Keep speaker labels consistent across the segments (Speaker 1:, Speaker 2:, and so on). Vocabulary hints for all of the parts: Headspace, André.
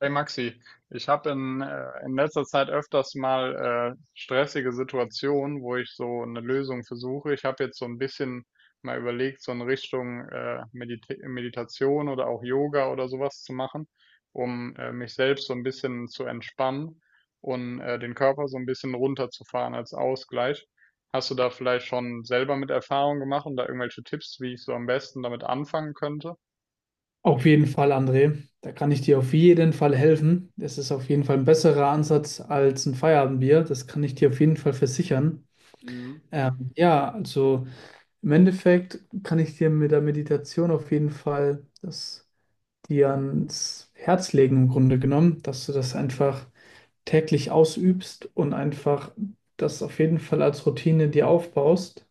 Speaker 1: Hey Maxi, ich habe in letzter Zeit öfters mal stressige Situationen, wo ich so eine Lösung versuche. Ich habe jetzt so ein bisschen mal überlegt, so in Richtung Meditation oder auch Yoga oder sowas zu machen, um mich selbst so ein bisschen zu entspannen und den Körper so ein bisschen runterzufahren als Ausgleich. Hast du da vielleicht schon selber mit Erfahrung gemacht und da irgendwelche Tipps, wie ich so am besten damit anfangen könnte?
Speaker 2: Auf jeden Fall, André. Da kann ich dir auf jeden Fall helfen. Das ist auf jeden Fall ein besserer Ansatz als ein Feierabendbier. Das kann ich dir auf jeden Fall versichern.
Speaker 1: Mhm.
Speaker 2: Ja, also im Endeffekt kann ich dir mit der Meditation auf jeden Fall das dir ans Herz legen, im Grunde genommen, dass du das einfach täglich ausübst und einfach das auf jeden Fall als Routine dir aufbaust.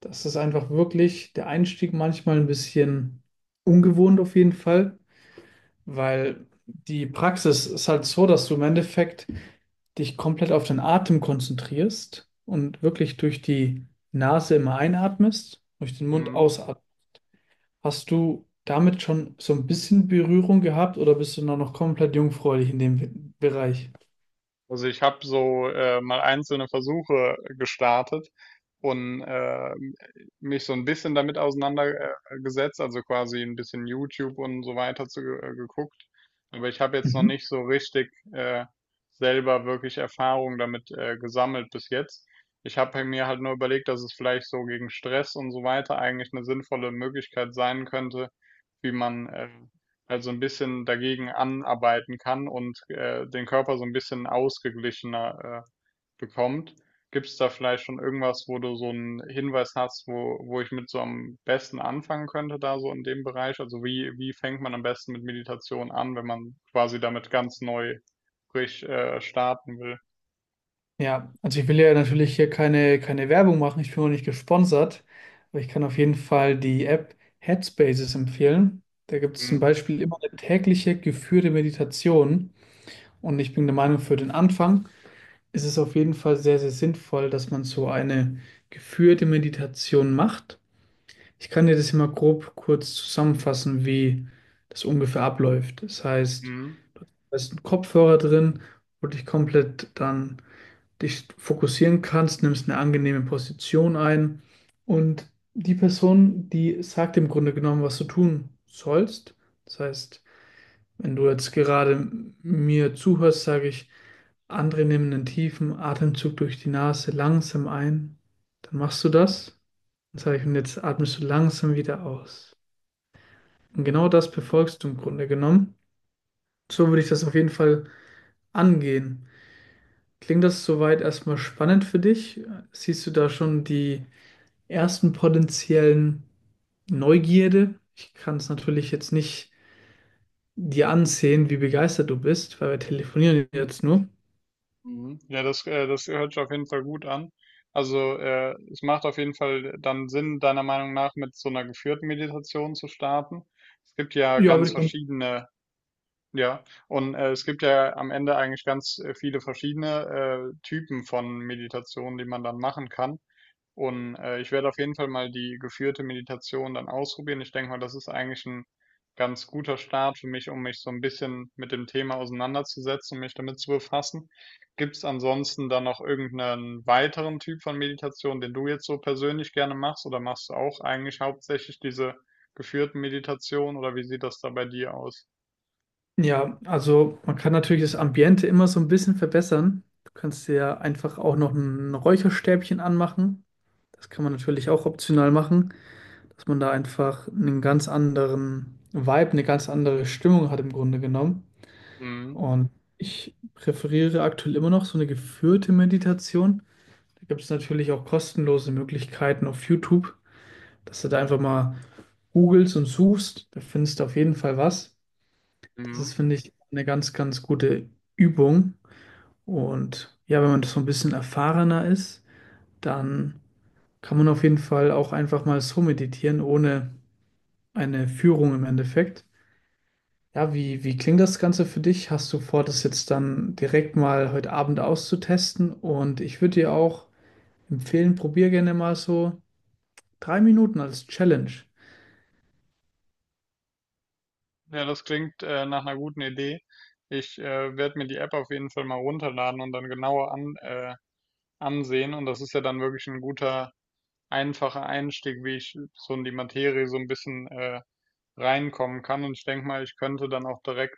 Speaker 2: Das ist einfach wirklich der Einstieg manchmal ein bisschen ungewohnt auf jeden Fall, weil die Praxis ist halt so, dass du im Endeffekt dich komplett auf den Atem konzentrierst und wirklich durch die Nase immer einatmest, durch den Mund
Speaker 1: Mhm.
Speaker 2: ausatmest. Hast du damit schon so ein bisschen Berührung gehabt oder bist du noch komplett jungfräulich in dem Bereich?
Speaker 1: Also ich habe so mal einzelne Versuche gestartet und mich so ein bisschen damit auseinandergesetzt, also quasi ein bisschen YouTube und so weiter geguckt. Aber ich habe jetzt noch
Speaker 2: Mhm.
Speaker 1: nicht so richtig selber wirklich Erfahrung damit gesammelt bis jetzt. Ich habe halt mir halt nur überlegt, dass es vielleicht so gegen Stress und so weiter eigentlich eine sinnvolle Möglichkeit sein könnte, wie man also ein bisschen dagegen anarbeiten kann und den Körper so ein bisschen ausgeglichener bekommt. Gibt es da vielleicht schon irgendwas, wo du so einen Hinweis hast, wo ich mit so am besten anfangen könnte, da so in dem Bereich? Also wie fängt man am besten mit Meditation an, wenn man quasi damit ganz neu frisch starten will?
Speaker 2: Ja, also ich will ja natürlich hier keine Werbung machen, ich bin auch nicht gesponsert, aber ich kann auf jeden Fall die App Headspaces empfehlen. Da gibt es zum
Speaker 1: Mhm.
Speaker 2: Beispiel immer eine tägliche geführte Meditation. Und ich bin der Meinung, für den Anfang ist es auf jeden Fall sehr, sehr sinnvoll, dass man so eine geführte Meditation macht. Ich kann dir das immer grob kurz zusammenfassen, wie das ungefähr abläuft. Das heißt,
Speaker 1: Mhm.
Speaker 2: da ist ein Kopfhörer drin, wo du dich komplett dann dich fokussieren kannst, nimmst eine angenehme Position ein und die Person, die sagt im Grunde genommen, was du tun sollst. Das heißt, wenn du jetzt gerade mir zuhörst, sage ich, andere nehmen einen tiefen Atemzug durch die Nase langsam ein. Dann machst du das. Und jetzt atmest du langsam wieder aus. Und genau das befolgst du im Grunde genommen. So würde ich das auf jeden Fall angehen. Klingt das soweit erstmal spannend für dich? Siehst du da schon die ersten potenziellen Neugierde? Ich kann es natürlich jetzt nicht dir ansehen, wie begeistert du bist, weil wir telefonieren jetzt nur.
Speaker 1: Mhm. Ja, das hört sich auf jeden Fall gut an. Also, es macht auf jeden Fall dann Sinn, deiner Meinung nach mit so einer geführten Meditation zu starten. Es gibt ja
Speaker 2: Ja,
Speaker 1: ganz
Speaker 2: würde ich mal.
Speaker 1: verschiedene, ja, und es gibt ja am Ende eigentlich ganz viele verschiedene Typen von Meditationen, die man dann machen kann. Und ich werde auf jeden Fall mal die geführte Meditation dann ausprobieren. Ich denke mal, das ist eigentlich ein ganz guter Start für mich, um mich so ein bisschen mit dem Thema auseinanderzusetzen und mich damit zu befassen. Gibt es ansonsten dann noch irgendeinen weiteren Typ von Meditation, den du jetzt so persönlich gerne machst, oder machst du auch eigentlich hauptsächlich diese geführten Meditationen, oder wie sieht das da bei dir aus?
Speaker 2: Ja, also man kann natürlich das Ambiente immer so ein bisschen verbessern. Du kannst dir ja einfach auch noch ein Räucherstäbchen anmachen. Das kann man natürlich auch optional machen, dass man da einfach einen ganz anderen Vibe, eine ganz andere Stimmung hat im Grunde genommen.
Speaker 1: Mhm.
Speaker 2: Und ich präferiere aktuell immer noch so eine geführte Meditation. Da gibt es natürlich auch kostenlose Möglichkeiten auf YouTube, dass du da einfach mal googelst und suchst. Da findest du auf jeden Fall was. Das ist,
Speaker 1: Mhm.
Speaker 2: finde ich, eine ganz gute Übung. Und ja, wenn man so ein bisschen erfahrener ist, dann kann man auf jeden Fall auch einfach mal so meditieren, ohne eine Führung im Endeffekt. Ja, wie klingt das Ganze für dich? Hast du vor, das jetzt dann direkt mal heute Abend auszutesten? Und ich würde dir auch empfehlen, probier gerne mal so 3 Minuten als Challenge.
Speaker 1: Ja, das klingt nach einer guten Idee. Ich werde mir die App auf jeden Fall mal runterladen und dann genauer ansehen. Und das ist ja dann wirklich ein guter, einfacher Einstieg, wie ich so in die Materie so ein bisschen reinkommen kann. Und ich denke mal, ich könnte dann auch direkt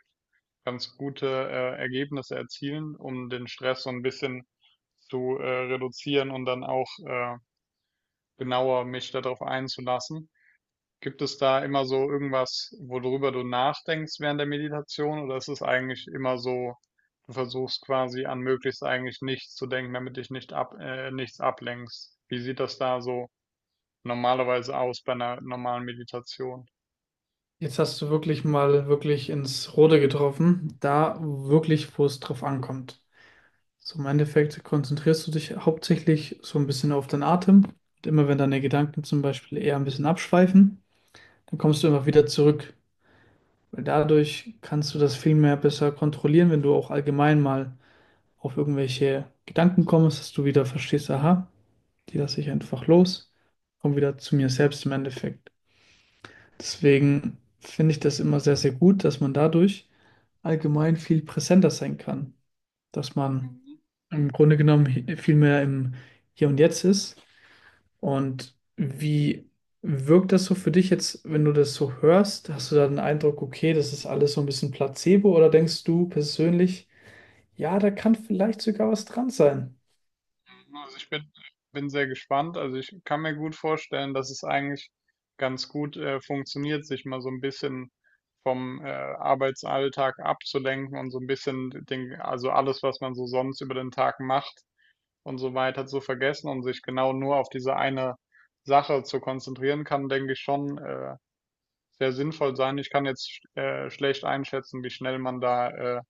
Speaker 1: ganz gute Ergebnisse erzielen, um den Stress so ein bisschen zu reduzieren und dann auch genauer mich darauf einzulassen. Gibt es da immer so irgendwas, worüber du nachdenkst während der Meditation, oder ist es eigentlich immer so, du versuchst quasi an möglichst eigentlich nichts zu denken, damit dich nichts ablenkst? Wie sieht das da so normalerweise aus bei einer normalen Meditation?
Speaker 2: Jetzt hast du wirklich ins Rote getroffen, da wirklich, wo es drauf ankommt. So im Endeffekt konzentrierst du dich hauptsächlich so ein bisschen auf deinen Atem. Und immer wenn deine Gedanken zum Beispiel eher ein bisschen abschweifen, dann kommst du immer wieder zurück. Weil dadurch kannst du das viel mehr besser kontrollieren, wenn du auch allgemein mal auf irgendwelche Gedanken kommst, dass du wieder verstehst, aha, die lasse ich einfach los, komm wieder zu mir selbst im Endeffekt. Deswegen finde ich das immer sehr, sehr gut, dass man dadurch allgemein viel präsenter sein kann. Dass man
Speaker 1: Mhm.
Speaker 2: im Grunde genommen viel mehr im Hier und Jetzt ist. Und wie wirkt das so für dich jetzt, wenn du das so hörst? Hast du da den Eindruck, okay, das ist alles so ein bisschen Placebo? Oder denkst du persönlich, ja, da kann vielleicht sogar was dran sein?
Speaker 1: Mhm, also bin sehr gespannt. Also ich kann mir gut vorstellen, dass es eigentlich ganz gut funktioniert, sich mal so ein bisschen vom Arbeitsalltag abzulenken und so ein bisschen den, also alles, was man so sonst über den Tag macht und so weiter zu vergessen und sich genau nur auf diese eine Sache zu konzentrieren, kann, denke ich, schon sehr sinnvoll sein. Ich kann jetzt schlecht einschätzen, wie schnell man da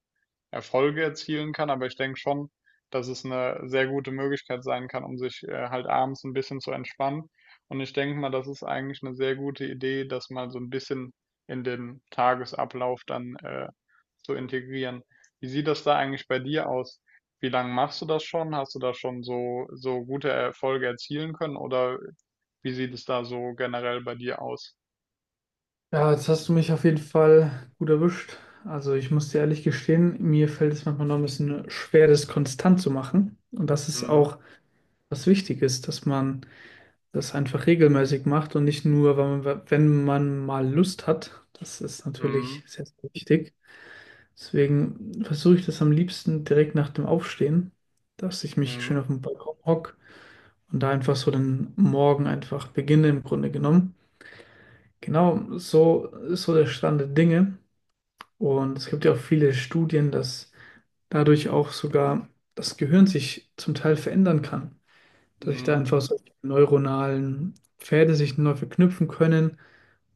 Speaker 1: Erfolge erzielen kann, aber ich denke schon, dass es eine sehr gute Möglichkeit sein kann, um sich halt abends ein bisschen zu entspannen. Und ich denke mal, das ist eigentlich eine sehr gute Idee, das mal so ein bisschen in den Tagesablauf dann zu integrieren. Wie sieht das da eigentlich bei dir aus? Wie lange machst du das schon? Hast du da schon so gute Erfolge erzielen können oder wie sieht es da so generell bei dir aus?
Speaker 2: Ja, jetzt hast du mich auf jeden Fall gut erwischt. Also ich muss dir ehrlich gestehen, mir fällt es manchmal noch ein bisschen schwer, das konstant zu machen. Und das ist
Speaker 1: Mhm.
Speaker 2: auch was wichtig ist, dass man das einfach regelmäßig macht und nicht nur, wenn man mal Lust hat. Das ist
Speaker 1: Mhm.
Speaker 2: natürlich sehr, sehr wichtig. Deswegen versuche ich das am liebsten direkt nach dem Aufstehen, dass ich mich schön
Speaker 1: Mhm.
Speaker 2: auf den Balkon hocke und da einfach so den Morgen einfach beginne im Grunde genommen. Genau so ist so der Stand der Dinge. Und es gibt ja auch viele Studien, dass dadurch auch sogar das Gehirn sich zum Teil verändern kann. Dass sich da
Speaker 1: Mhm.
Speaker 2: einfach solche neuronalen Pfade sich neu verknüpfen können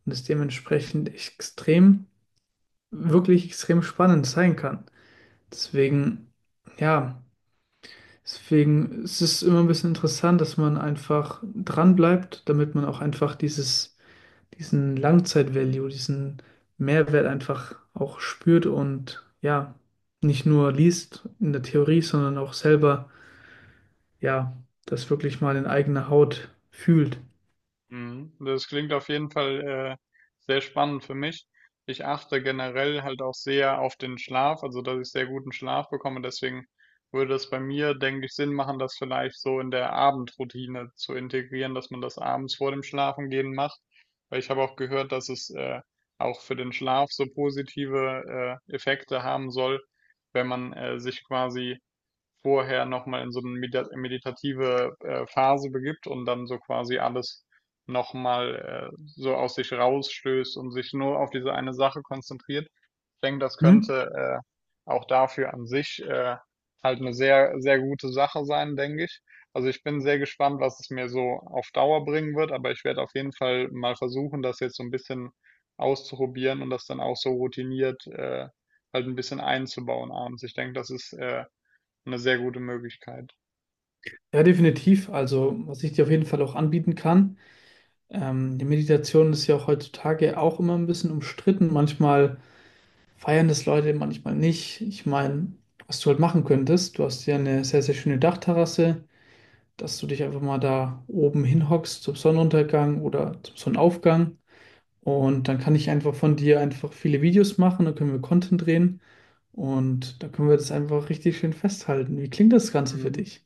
Speaker 2: und es dementsprechend wirklich extrem spannend sein kann. Deswegen, ja, deswegen ist es immer ein bisschen interessant, dass man einfach dran bleibt, damit man auch einfach dieses diesen Langzeit-Value, diesen Mehrwert einfach auch spürt und ja, nicht nur liest in der Theorie, sondern auch selber, ja, das wirklich mal in eigener Haut fühlt.
Speaker 1: Mhm. Das klingt auf jeden Fall äh, sehr spannend für mich. Ich achte generell halt auch sehr auf den Schlaf, also dass ich sehr guten Schlaf bekomme. Deswegen würde es bei mir, denke ich, Sinn machen, das vielleicht so in der Abendroutine zu integrieren, dass man das abends vor dem Schlafengehen macht. Weil ich habe auch gehört, dass es auch für den Schlaf so positive Effekte haben soll, wenn man sich quasi vorher nochmal in so eine meda meditative, Phase begibt und dann so quasi alles nochmal so aus sich rausstößt und sich nur auf diese eine Sache konzentriert. Ich denke, das
Speaker 2: Hm?
Speaker 1: könnte auch dafür an sich halt eine sehr, sehr gute Sache sein, denke ich. Also, ich bin sehr gespannt, was es mir so auf Dauer bringen wird, aber ich werde auf jeden Fall mal versuchen, das jetzt so ein bisschen auszuprobieren und das dann auch so routiniert halt ein bisschen einzubauen abends. Ich denke, das ist eine sehr gute Möglichkeit.
Speaker 2: Ja, definitiv. Also, was ich dir auf jeden Fall auch anbieten kann, die Meditation ist ja auch heutzutage auch immer ein bisschen umstritten. Manchmal feiern das Leute, manchmal nicht. Ich meine, was du halt machen könntest, du hast ja eine sehr, sehr schöne Dachterrasse, dass du dich einfach mal da oben hinhockst zum Sonnenuntergang oder zum Sonnenaufgang. Und dann kann ich einfach von dir einfach viele Videos machen, dann können wir Content drehen und da können wir das einfach richtig schön festhalten. Wie klingt das Ganze für
Speaker 1: Mhm.
Speaker 2: dich?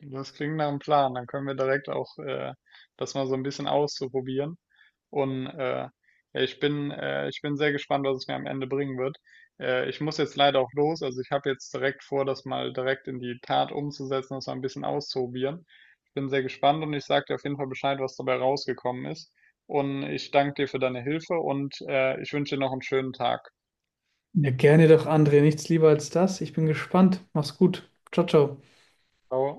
Speaker 1: Das klingt nach einem Plan. Dann können wir direkt auch das mal so ein bisschen ausprobieren. Und ja, ich bin sehr gespannt, was es mir am Ende bringen wird. Ich muss jetzt leider auch los. Also ich habe jetzt direkt vor, das mal direkt in die Tat umzusetzen, das mal ein bisschen auszuprobieren. Ich bin sehr gespannt und ich sage dir auf jeden Fall Bescheid, was dabei rausgekommen ist. Und ich danke dir für deine Hilfe und ich wünsche dir noch einen schönen Tag.
Speaker 2: Ja, gerne doch, André. Nichts lieber als das. Ich bin gespannt. Mach's gut. Ciao, ciao.
Speaker 1: Ciao.